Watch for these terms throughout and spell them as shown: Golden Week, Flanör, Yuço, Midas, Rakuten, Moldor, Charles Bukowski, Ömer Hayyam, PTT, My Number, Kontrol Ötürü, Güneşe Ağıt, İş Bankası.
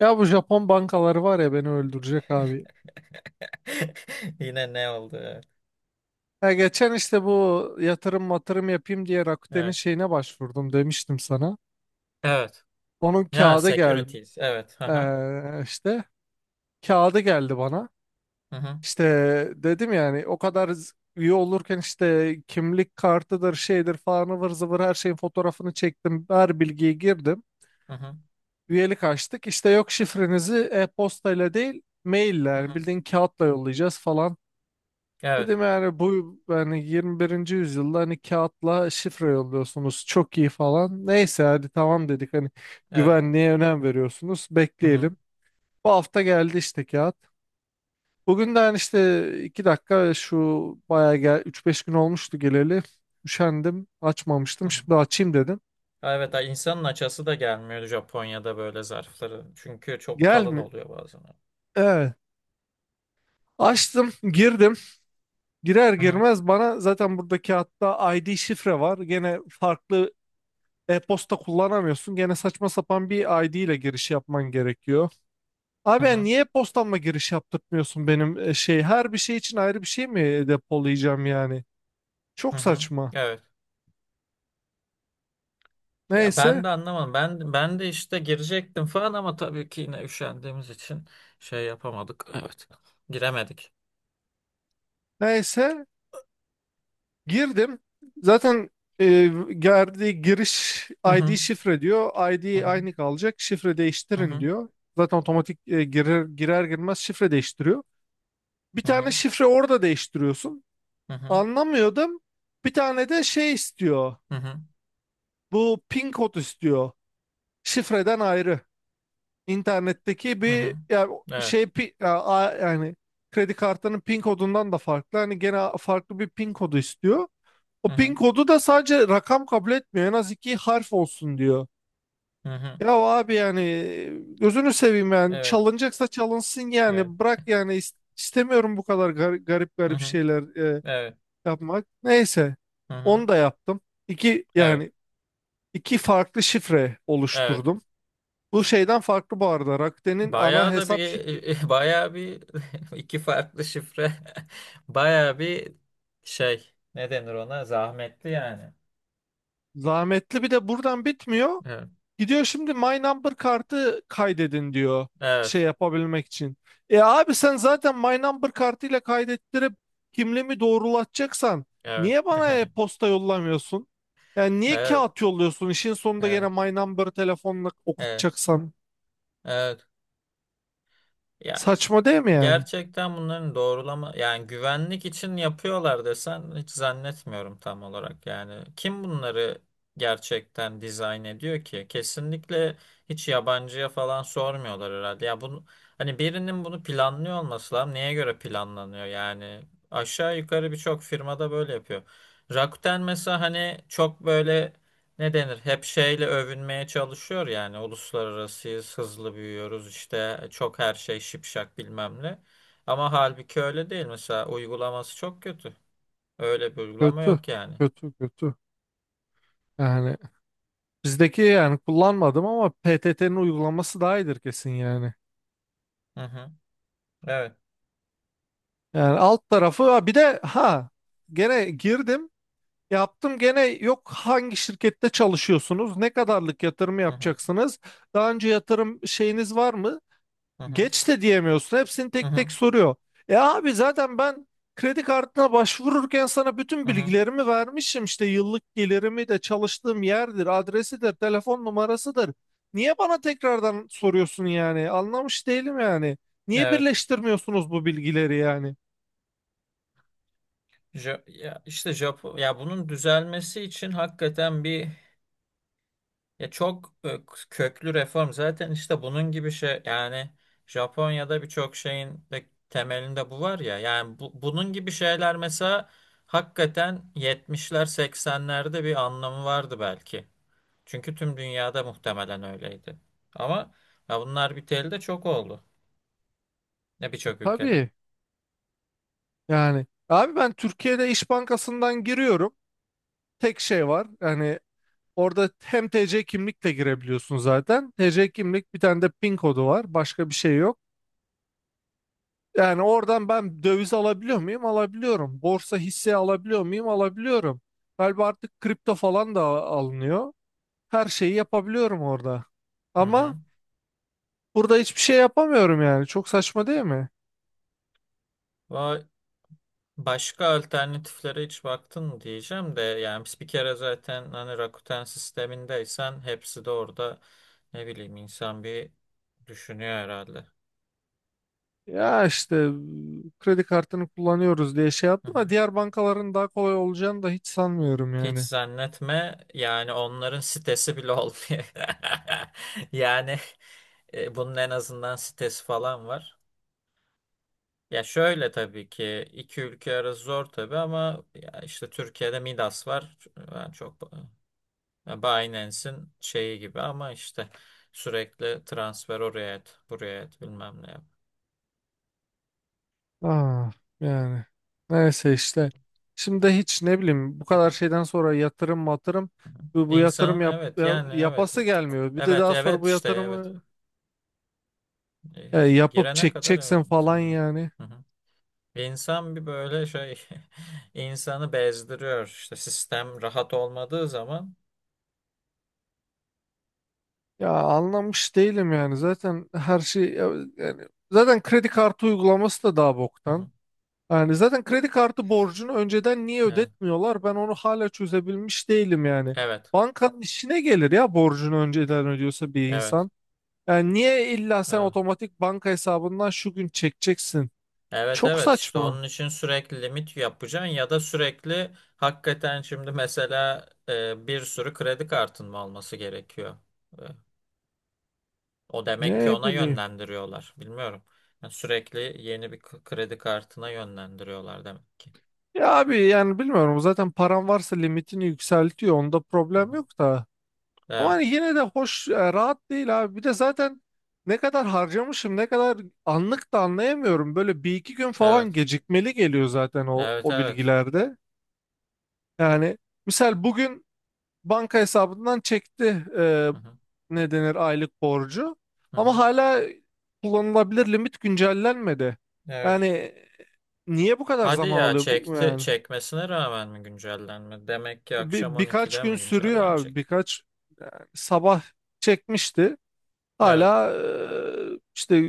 Ya bu Japon bankaları var ya beni öldürecek abi. Yine ne oldu? Evet. Ya geçen işte bu yatırım matırım yapayım diye Rakuten'in Evet. şeyine başvurdum demiştim sana. Evet. Onun Ya kağıdı gel securities. Evet. Aha. İşte kağıdı geldi bana. Hı hı. İşte dedim yani o kadar üye olurken işte kimlik kartıdır şeydir falan ıvır zıvır her şeyin fotoğrafını çektim. Her bilgiyi girdim. Hı hı. Üyelik açtık. İşte yok şifrenizi e-postayla değil maille Hı hı hı. yani bildiğin kağıtla yollayacağız falan. Evet. Dedim yani bu yani 21. yüzyılda hani kağıtla şifre yolluyorsunuz çok iyi falan. Neyse hadi tamam dedik hani Evet. güvenliğe önem veriyorsunuz Hı hı. bekleyelim. Bu hafta geldi işte kağıt. Bugün de hani işte 2 dakika şu bayağı gel üç beş gün olmuştu geleli. Üşendim Hı açmamıştım hı. şimdi açayım dedim. Evet, ay insanın açası da gelmiyor Japonya'da böyle zarfları. Çünkü çok Gel kalın mi? oluyor bazen. Evet. Açtım girdim. Girer Hı hı. girmez bana zaten burada kağıtta ID şifre var. Gene farklı e-posta kullanamıyorsun. Gene saçma sapan bir ID ile giriş yapman gerekiyor. Hı Abi ben hı. niye e-postamla giriş yaptırtmıyorsun benim şey? Her bir şey için ayrı bir şey mi depolayacağım yani? Hı Çok hı. saçma. Evet. Ya ben Neyse. de anlamadım. Ben de işte girecektim falan ama tabii ki yine üşendiğimiz için şey yapamadık. Evet. Giremedik. Neyse. Girdim. Zaten e, geldi giriş Hı ID hı. şifre diyor. Hı ID hı. aynı kalacak. Şifre Hı değiştirin hı. diyor. Zaten otomatik girer girmez şifre değiştiriyor. Bir Hı tane hı. şifre orada değiştiriyorsun. Hı hı. Anlamıyordum. Bir tane de şey istiyor. Hı hı. Bu pin kod istiyor. Şifreden ayrı. İnternetteki Hı bir hı. yani Evet. şey ya, yani kredi kartının pin kodundan da farklı. Hani gene farklı bir pin kodu istiyor. O Hı pin hı. kodu da sadece rakam kabul etmiyor. En az 2 harf olsun diyor. Hı hı. Ya abi yani gözünü seveyim yani Evet. çalınacaksa çalınsın Evet. yani bırak yani istemiyorum bu kadar garip Hı garip hı. şeyler Evet. yapmak. Neyse Hı hı. onu da yaptım. İki Evet. yani iki farklı şifre Evet. oluşturdum. Bu şeyden farklı bu arada. Rakuten'in ana Bayağı da hesap bir, bayağı bir, iki farklı şifre. Bayağı bir şey. Ne denir ona? Zahmetli yani. zahmetli bir de buradan bitmiyor. Evet. Gidiyor şimdi My Number kartı kaydedin diyor şey Evet. yapabilmek için. E abi sen zaten My Number kartıyla kaydettirip kimliğimi doğrulatacaksan Evet. niye bana e-posta yollamıyorsun? Yani niye Evet. kağıt yolluyorsun? İşin sonunda gene Evet. My Number telefonla Evet. okutacaksan. Evet. Ya Saçma değil mi yani? gerçekten bunların doğrulama yani güvenlik için yapıyorlar desen hiç zannetmiyorum tam olarak. Yani kim bunları gerçekten dizayn ediyor ki? Kesinlikle hiç yabancıya falan sormuyorlar herhalde ya bunu. Hani birinin bunu planlıyor olması lazım, neye göre planlanıyor yani? Aşağı yukarı birçok firmada böyle yapıyor. Rakuten mesela, hani çok böyle, ne denir? Hep şeyle övünmeye çalışıyor yani. Uluslararasıyız, hızlı büyüyoruz işte, çok her şey şipşak bilmem ne. Ama halbuki öyle değil. Mesela uygulaması çok kötü. Öyle bir uygulama Kötü. yok yani. Kötü kötü. Yani bizdeki yani kullanmadım ama PTT'nin uygulaması daha iyidir kesin yani. Hı hı. Evet. Yani alt tarafı ha bir de ha gene girdim yaptım gene yok hangi şirkette çalışıyorsunuz ne kadarlık yatırım Hı hı. yapacaksınız daha önce yatırım şeyiniz var mı Hı hı. geç de diyemiyorsun hepsini Hı tek hı. tek soruyor. E abi zaten ben kredi kartına başvururken sana bütün Hı hı. bilgilerimi vermişim işte yıllık gelirimi de çalıştığım yerdir adresidir telefon numarasıdır. Niye bana tekrardan soruyorsun yani anlamış değilim yani niye Evet. birleştirmiyorsunuz bu bilgileri yani? Ya işte Japon, ya bunun düzelmesi için hakikaten bir, ya çok köklü reform zaten. İşte bunun gibi şey yani, Japonya'da birçok şeyin de temelinde bu var ya. Yani bunun gibi şeyler mesela hakikaten 70'ler 80'lerde bir anlamı vardı belki. Çünkü tüm dünyada muhtemelen öyleydi. Ama ya bunlar biteli de çok oldu. Ya birçok ülkede. Tabii. Yani abi ben Türkiye'de İş Bankası'ndan giriyorum. Tek şey var. Yani orada hem TC kimlikle girebiliyorsun zaten. TC kimlik bir tane de PIN kodu var. Başka bir şey yok. Yani oradan ben döviz alabiliyor muyum? Alabiliyorum. Borsa hisse alabiliyor muyum? Alabiliyorum. Galiba artık kripto falan da alınıyor. Her şeyi yapabiliyorum orada. Hı Ama hı. burada hiçbir şey yapamıyorum yani. Çok saçma değil mi? Vay. Başka alternatiflere hiç baktın mı diyeceğim de, yani biz bir kere zaten hani Rakuten sistemindeysen hepsi de orada, ne bileyim, insan bir düşünüyor herhalde. Ya işte kredi kartını kullanıyoruz diye şey Hı yaptım hı. ama diğer bankaların daha kolay olacağını da hiç sanmıyorum Hiç yani. zannetme yani, onların sitesi bile olmuyor. Yani bunun en azından sitesi falan var. Ya şöyle, tabii ki iki ülke arası zor tabii, ama ya işte Türkiye'de Midas var. Ben çok, ya Binance'in şeyi gibi, ama işte sürekli transfer oraya et, buraya et, bilmem ne yap. Ah yani neyse işte. Şimdi de hiç ne bileyim bu kadar şeyden sonra yatırım matırım bu yatırım İnsanın, evet, yani evet, yapası gelmiyor. Bir de evet daha sonra evet bu işte evet. yatırımı E, yapıp girene kadar evet, çekeceksin falan insan, evet. yani. Hı hı. İnsan bir böyle şey, insanı bezdiriyor işte sistem rahat olmadığı zaman. Ya anlamış değilim yani zaten her şey yani zaten kredi kartı uygulaması da daha Hı boktan. hı. Yani zaten kredi kartı borcunu önceden niye Evet ödetmiyorlar? Ben onu hala çözebilmiş değilim yani. evet Bankanın işine gelir ya borcunu önceden ödüyorsa bir evet insan. Yani niye illa sen evet. otomatik banka hesabından şu gün çekeceksin? Evet Çok evet, işte saçma. onun için sürekli limit yapacaksın ya da sürekli hakikaten. Şimdi mesela bir sürü kredi kartın mı olması gerekiyor? E, o demek ki Ne ona bileyim. yönlendiriyorlar. Bilmiyorum. Yani sürekli yeni bir kredi kartına yönlendiriyorlar demek ki. Ya abi yani bilmiyorum zaten paran varsa limitini yükseltiyor onda Hı problem hı. yok da. Ama Evet hani yine de hoş, rahat değil abi. Bir de zaten ne kadar harcamışım, ne kadar anlık da anlayamıyorum. Böyle bir iki gün falan evet gecikmeli geliyor zaten o, evet o evet. bilgilerde. Yani misal bugün banka hesabından çekti e, Hı hı. ne denir aylık borcu. Hı Ama hı. hala kullanılabilir limit güncellenmedi. Evet. Yani niye bu kadar Hadi zaman ya, alıyor bu çekti yani? çekmesine rağmen mi güncellenme? Demek ki akşam Birkaç 12'de gün mi sürüyor abi. güncellenecek? Birkaç yani sabah çekmişti. Evet. Hala işte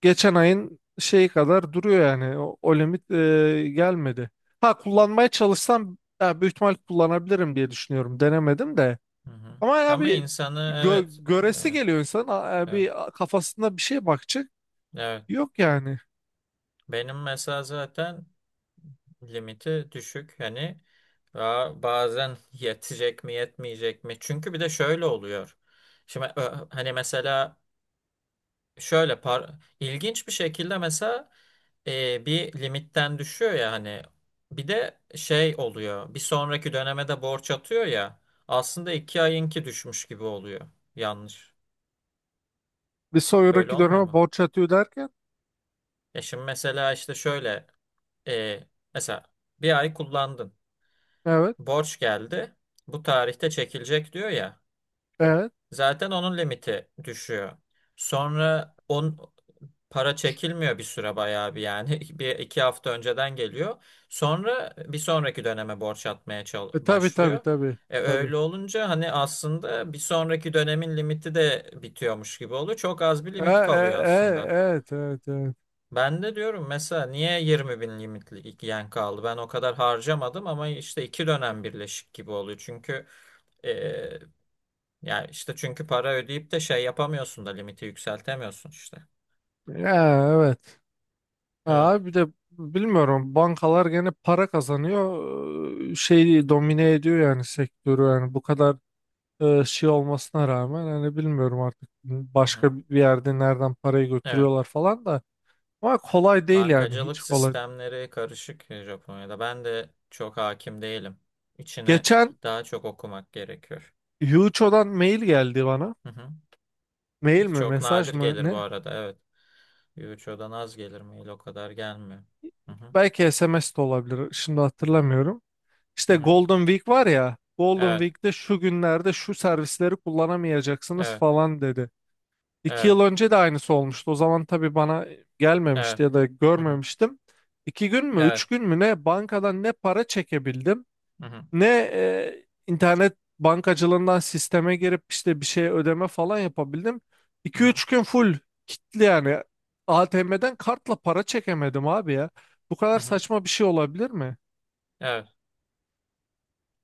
geçen ayın şeyi kadar duruyor yani. O limit gelmedi. Ha kullanmaya çalışsam ya, büyük ihtimal kullanabilirim diye düşünüyorum. Denemedim de. Hı hı. Ama ya Ama bir insanı, evet göresi evet. geliyor insan. Evet. Bir kafasında bir şey bakacak. Evet. Yok yani. Benim mesela zaten limiti düşük. Hani ba- bazen yetecek mi yetmeyecek mi? Çünkü bir de şöyle oluyor. Şimdi hani mesela şöyle ilginç bir şekilde mesela bir limitten düşüyor ya. Hani bir de şey oluyor, bir sonraki döneme de borç atıyor ya. Aslında iki ayınki düşmüş gibi oluyor. Yanlış. Bir Öyle sonraki olmuyor döneme mu? borç atıyor derken. Ya şimdi mesela işte şöyle, e, mesela bir ay kullandın, Evet. borç geldi. Bu tarihte çekilecek diyor ya. Evet. Zaten onun limiti düşüyor. Sonra para çekilmiyor bir süre, bayağı bir yani, bir iki hafta önceden geliyor. Sonra bir sonraki döneme borç atmaya Tabii tabii başlıyor. tabii. E Tabii. öyle olunca hani aslında bir sonraki dönemin limiti de bitiyormuş gibi oluyor. Çok az bir E, limit e, kalıyor e, aslında. evet evet evet. Ben de diyorum mesela, niye 20.000 limitli yen kaldı? Ben o kadar harcamadım, ama işte iki dönem birleşik gibi oluyor. Çünkü eee yani işte, çünkü para ödeyip de şey yapamıyorsun da limiti yükseltemiyorsun işte. Ya, evet. Evet. Ha, bir de bilmiyorum bankalar gene para kazanıyor şeyi domine ediyor yani sektörü yani bu kadar şey olmasına rağmen hani bilmiyorum artık Hı-hı. başka bir yerde nereden parayı Evet. götürüyorlar falan da ama kolay değil yani Bankacılık hiç kolay. sistemleri karışık Japonya'da. Ben de çok hakim değilim. İçine Geçen daha çok okumak gerekiyor. Yuço'dan mail geldi bana Hı-hı. mail mi Çok mesaj nadir mı gelir bu ne arada. Evet. Yuicho'dan az gelir mail, o kadar gelmiyor. Hı-hı. belki SMS de olabilir şimdi hatırlamıyorum. İşte Hı-hı. Golden Week var ya Golden Evet. Week'te şu günlerde şu servisleri kullanamayacaksınız Evet. falan dedi. İki Evet, yıl önce de aynısı olmuştu. O zaman tabii bana evet. gelmemişti ya da Hı hı. görmemiştim. İki gün mü, Evet. üç gün mü ne bankadan ne para çekebildim, Hı hı. ne internet bankacılığından sisteme girip işte bir şey ödeme falan yapabildim. Hı İki hı. üç gün full kilitli yani. ATM'den kartla para çekemedim abi ya. Bu kadar Hı hı. saçma bir şey olabilir mi? Evet.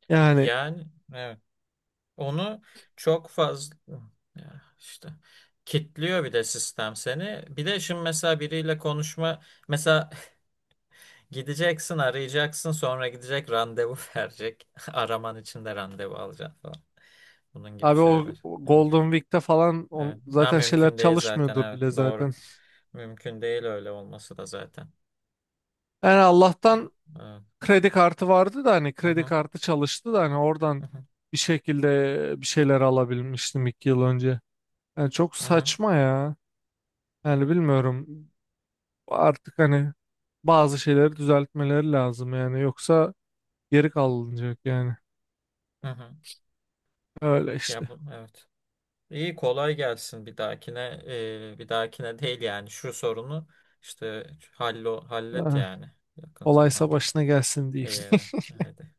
Yani Yani, evet. Onu çok fazla ya işte kitliyor bir de sistem seni. Bir de şimdi mesela biriyle konuşma mesela, gideceksin, arayacaksın, sonra gidecek randevu verecek. Araman için de randevu alacaksın falan. Bunun gibi abi o şeyler. o Evet. Golden Week'te falan Evet. Ha, zaten şeyler mümkün değil zaten, çalışmıyordur evet bile doğru. zaten. Mümkün değil öyle olması da zaten. Yani Allah'tan Evet. kredi kartı vardı da hani Hı kredi hı. kartı çalıştı da hani oradan Hı hı. bir şekilde bir şeyler alabilmiştim 2 yıl önce. Yani çok Hı hı. saçma ya. Yani bilmiyorum artık hani bazı şeyleri düzeltmeleri lazım yani yoksa geri kalınacak yani. Hı hı. Öyle Ya işte. bu, evet. İyi, kolay gelsin bir dahakine. Bir dahakine değil yani, şu sorunu işte hallet Ah, yani yakın olaysa zamanda. başına gelsin diyeyim. İyi, haydi.